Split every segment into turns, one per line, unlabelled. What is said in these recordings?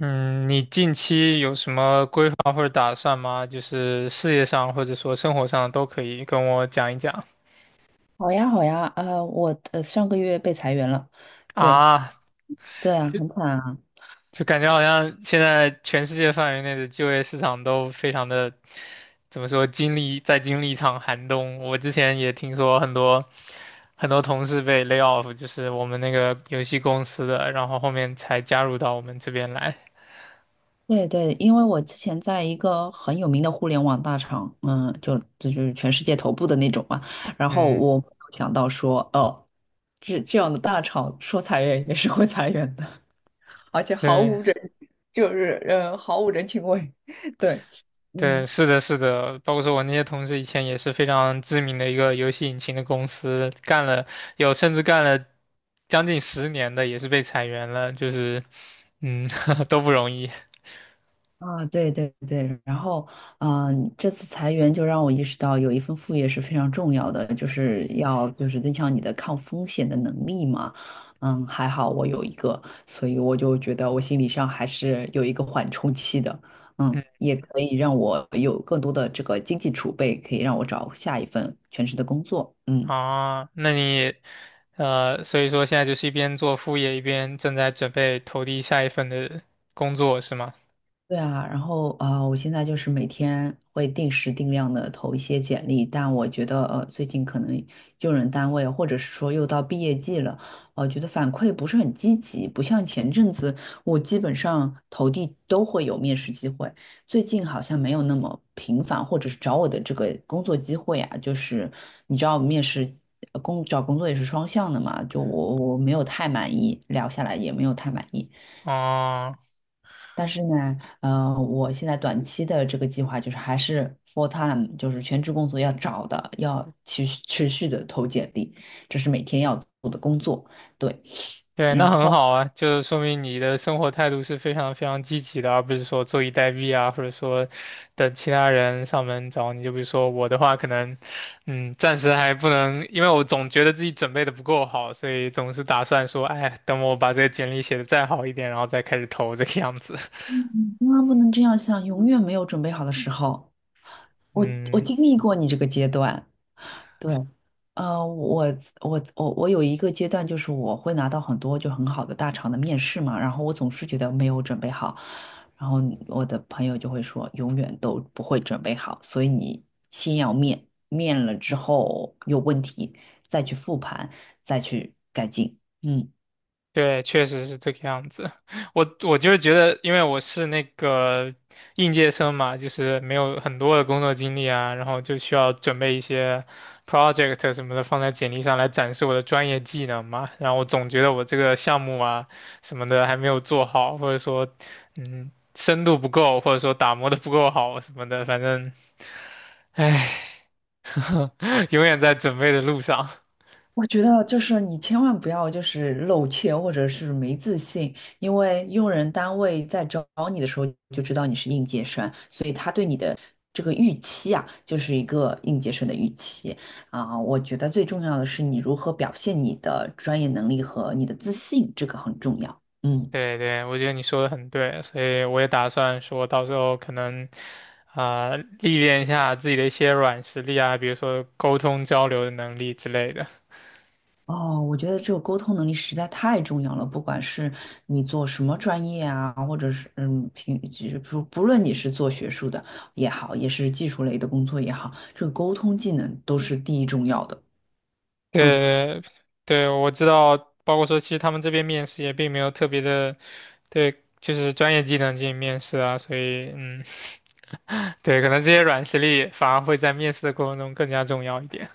嗯，你近期有什么规划或者打算吗？就是事业上或者说生活上都可以跟我讲一讲
好呀，好呀，我上个月被裁员了。对，
啊。
对啊，很惨啊。
就感觉好像现在全世界范围内的就业市场都非常的，怎么说，经历一场寒冬。我之前也听说很多同事被 lay off，就是我们那个游戏公司的，然后后面才加入到我们这边来。
对对，因为我之前在一个很有名的互联网大厂，嗯，就是全世界头部的那种嘛。然后
嗯，
我没有想到说，哦，这样的大厂说裁员也是会裁员的，而且毫
对。
无人，就是毫无人情味，对，嗯。
对，是的，是的，包括说我那些同事以前也是非常知名的一个游戏引擎的公司，干了有甚至干了将近10年的，也是被裁员了，就是嗯 都不容易。
啊，对对对，然后，这次裁员就让我意识到，有一份副业是非常重要的，就是要增强你的抗风险的能力嘛。嗯，还好我有一个，所以我就觉得我心理上还是有一个缓冲期的。嗯，
嗯
也可以让我有更多的这个经济储备，可以让我找下一份全职的工作。嗯。
啊，那你所以说现在就是一边做副业，一边正在准备投递下一份的工作，是吗？
对啊，然后啊，我现在就是每天会定时定量的投一些简历。但我觉得最近可能用人单位或者是说又到毕业季了，我觉得反馈不是很积极，不像前阵子我基本上投递都会有面试机会。最近好像没有那么频繁，或者是找我的这个工作机会啊，就是你知道面试呃工找工作也是双向的嘛，就我没有太满意，聊下来也没有太满意。
哦、
但是呢，我现在短期的这个计划就是还是 full time，就是全职工作要找的，要持续的投简历，这是每天要做的工作。对，
对，
然
那很
后
好啊，就是说明你的生活态度是非常非常积极的，而不是说坐以待毙啊，或者说等其他人上门找你。就比如说我的话，可能，嗯，暂时还不能，因为我总觉得自己准备的不够好，所以总是打算说，哎，等我把这个简历写的再好一点，然后再开始投这个样子。
嗯，千万不能这样想，永远没有准备好的时候。我
嗯，
经历过你这个阶段。对，呃，我我有一个阶段，就是我会拿到很多就很好的大厂的面试嘛，然后我总是觉得没有准备好。然后我的朋友就会说，永远都不会准备好，所以你先要面，面了之后有问题再去复盘，再去改进。嗯。
对，确实是这个样子。我就是觉得，因为我是那个应届生嘛，就是没有很多的工作经历啊，然后就需要准备一些 project 什么的放在简历上来展示我的专业技能嘛。然后我总觉得我这个项目啊什么的还没有做好，或者说嗯深度不够，或者说打磨的不够好什么的，反正唉，永远在准备的路上。
我觉得就是你千万不要就是露怯或者是没自信，因为用人单位在招你的时候就知道你是应届生，所以他对你的这个预期啊，就是一个应届生的预期啊。我觉得最重要的是你如何表现你的专业能力和你的自信，这个很重要。嗯。
对对，我觉得你说的很对，所以我也打算说到时候可能啊、历练一下自己的一些软实力啊，比如说沟通交流的能力之类的。
哦，我觉得这个沟通能力实在太重要了，不管是你做什么专业啊，或者是嗯，平就是不不论你是做学术的也好，也是技术类的工作也好，这个沟通技能都是第一重要的。嗯，
对，对，我知道，包括说，其实他们这边面试也并没有特别的，对，就是专业技能进行面试啊，所以，嗯，对，可能这些软实力反而会在面试的过程中更加重要一点。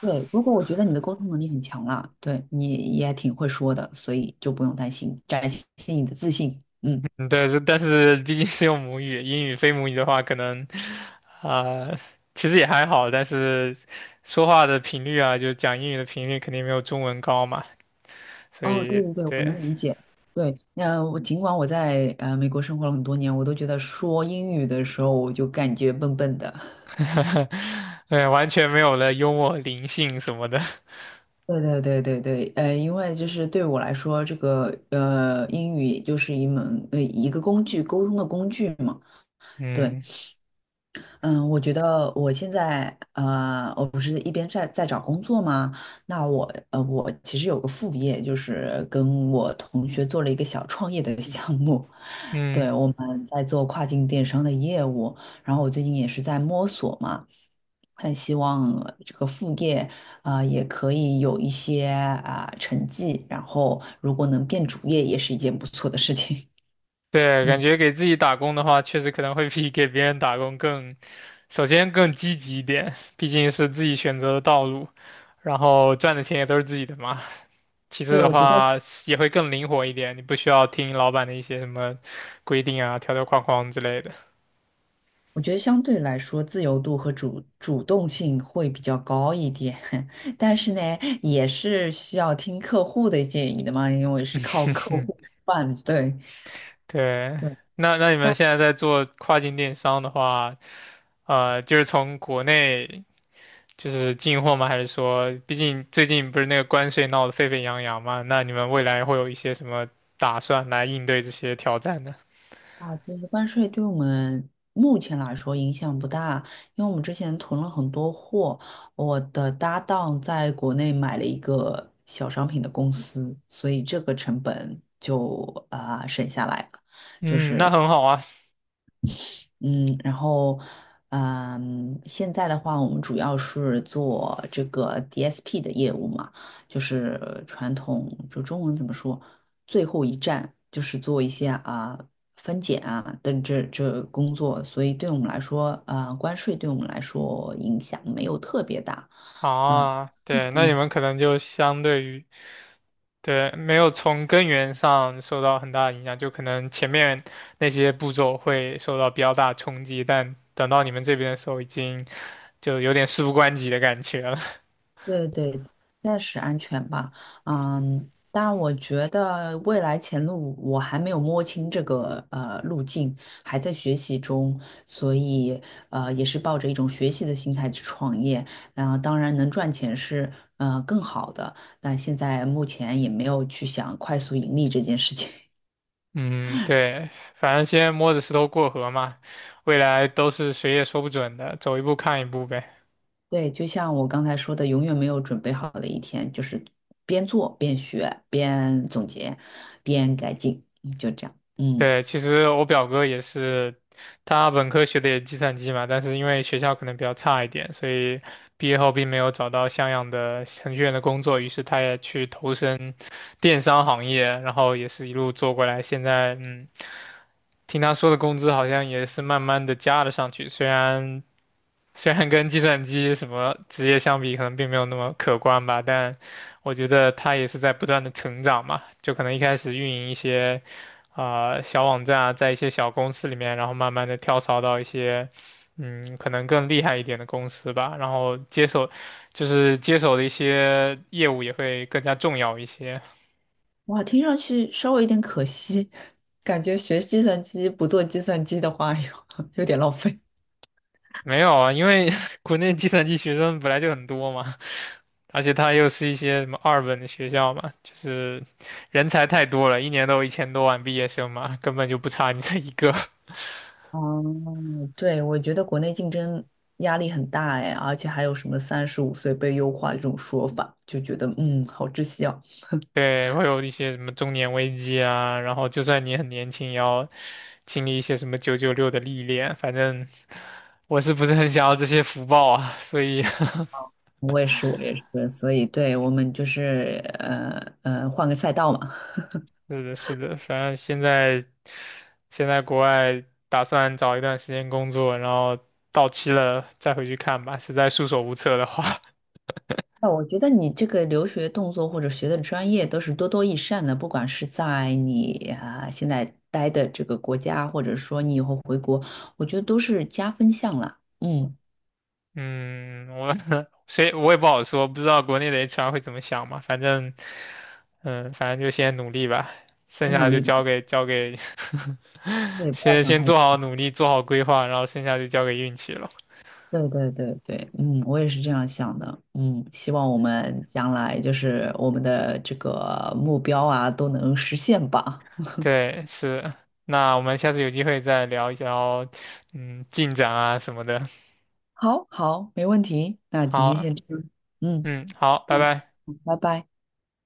对。如果我觉得你的沟通能力很强啦，对你也挺会说的，所以就不用担心，展现你的自信。嗯，
嗯对，但是毕竟是用母语，英语非母语的话，可能啊、其实也还好，但是说话的频率啊，就讲英语的频率肯定没有中文高嘛，所
哦，
以
对对对，我
对，
能理解。对，那我尽管我在美国生活了很多年，我都觉得说英语的时候我就感觉笨笨的。
对，完全没有了幽默灵性什么的。
对对对对对，因为就是对我来说，这个英语就是一门一个工具，沟通的工具嘛。对，
嗯
嗯。我觉得我现在我不是一边在找工作吗？那我我其实有个副业，就是跟我同学做了一个小创业的项目。对，
嗯，
我们在做跨境电商的业务，然后我最近也是在摸索嘛，很希望这个副业啊，也可以有一些啊，成绩，然后如果能变主业，也是一件不错的事情。
对，感
嗯，
觉给自己打工的话，确实可能会比给别人打工更，首先更积极一点，毕竟是自己选择的道路，然后赚的钱也都是自己的嘛。其次
对，
的
我觉得。
话也会更灵活一点，你不需要听老板的一些什么规定啊、条条框框之类的。
我觉得相对来说，自由度和主动性会比较高一点，但是呢，也是需要听客户的建议的嘛，因为是靠客户 吃饭，对
对，
对。
那那你
但
们现在在做跨境电商的话，就是从国内就是进货吗？还是说，毕竟最近不是那个关税闹得沸沸扬扬嘛？那你们未来会有一些什么打算来应对这些挑战呢？
其实关税对我们目前来说影响不大，因为我们之前囤了很多货，我的搭档在国内买了一个小商品的公司，所以这个成本就省下来了。就
嗯，那
是。
很好啊。
嗯，然后，嗯，现在的话，我们主要是做这个 DSP 的业务嘛，就是传统，就中文怎么说，最后一站就是做一些分拣啊等这工作。所以对我们来说，关税对我们来说影响没有特别大，嗯、
啊，对，那你们可能就相对于对，没有从根源上受到很大的影响，就可能前面那些步骤会受到比较大的冲击，但等到你们这边的时候，已经就有点事不关己的感觉了。
对对，暂时安全吧。嗯，但我觉得未来前路我还没有摸清这个路径，还在学习中，所以也是抱着一种学习的心态去创业。然后当然能赚钱是更好的，但现在目前也没有去想快速盈利这件事情。
嗯，对，反正先摸着石头过河嘛，未来都是谁也说不准的，走一步看一步呗。
对，就像我刚才说的，永远没有准备好的一天，就是边做边学边总结边改进，嗯就这样。嗯。
对，其实我表哥也是，他本科学的也是计算机嘛，但是因为学校可能比较差一点，所以毕业后并没有找到像样的程序员的工作，于是他也去投身电商行业，然后也是一路做过来，现在嗯，听他说的工资好像也是慢慢的加了上去，虽然跟计算机什么职业相比，可能并没有那么可观吧，但我觉得它也是在不断的成长嘛。就可能一开始运营一些啊、小网站啊，在一些小公司里面，然后慢慢的跳槽到一些嗯可能更厉害一点的公司吧，然后接手的一些业务也会更加重要一些。
哇，听上去稍微有点可惜，感觉学计算机不做计算机的话，有点浪费。
没有啊，因为 国内计算机学生本来就很多嘛，而且他又是一些什么二本的学校嘛，就是人才太多了，一年都有1000多万毕业生嘛，根本就不差你这一个。
嗯，对，我觉得国内竞争压力很大哎，而且还有什么35岁被优化这种说法，就觉得好窒息啊。
对，会有一些什么中年危机啊，然后就算你很年轻，也要经历一些什么996的历练。反正我是不是很想要这些福报啊？所以，
我也是，我也是，所以对我们就是换个赛道嘛。
是的，是的，反正现在国外打算找一段时间工作，然后到期了再回去看吧，实在束手无策的话。
哦，我觉得你这个留学动作或者学的专业都是多多益善的，不管是在你啊现在待的这个国家，或者说你以后回国，我觉得都是加分项啦。嗯，
嗯，我 谁我也不好说，不知道国内的 HR 会怎么想嘛。反正，嗯，反正就先努力吧，剩
先
下
努
的就
力吧，
交给
对，不要
先
想
先
太多。
做好努力，做好规划，然后剩下就交给运气了。
对对对对，嗯，我也是这样想的。嗯，希望我们将来就是我们的这个目标啊都能实现吧。
对，是。那我们下次有机会再聊一聊，嗯，进展啊什么的。
好，好，没问题。那今天
好，
先这样。嗯
嗯，好，拜
嗯，
拜。
好拜拜。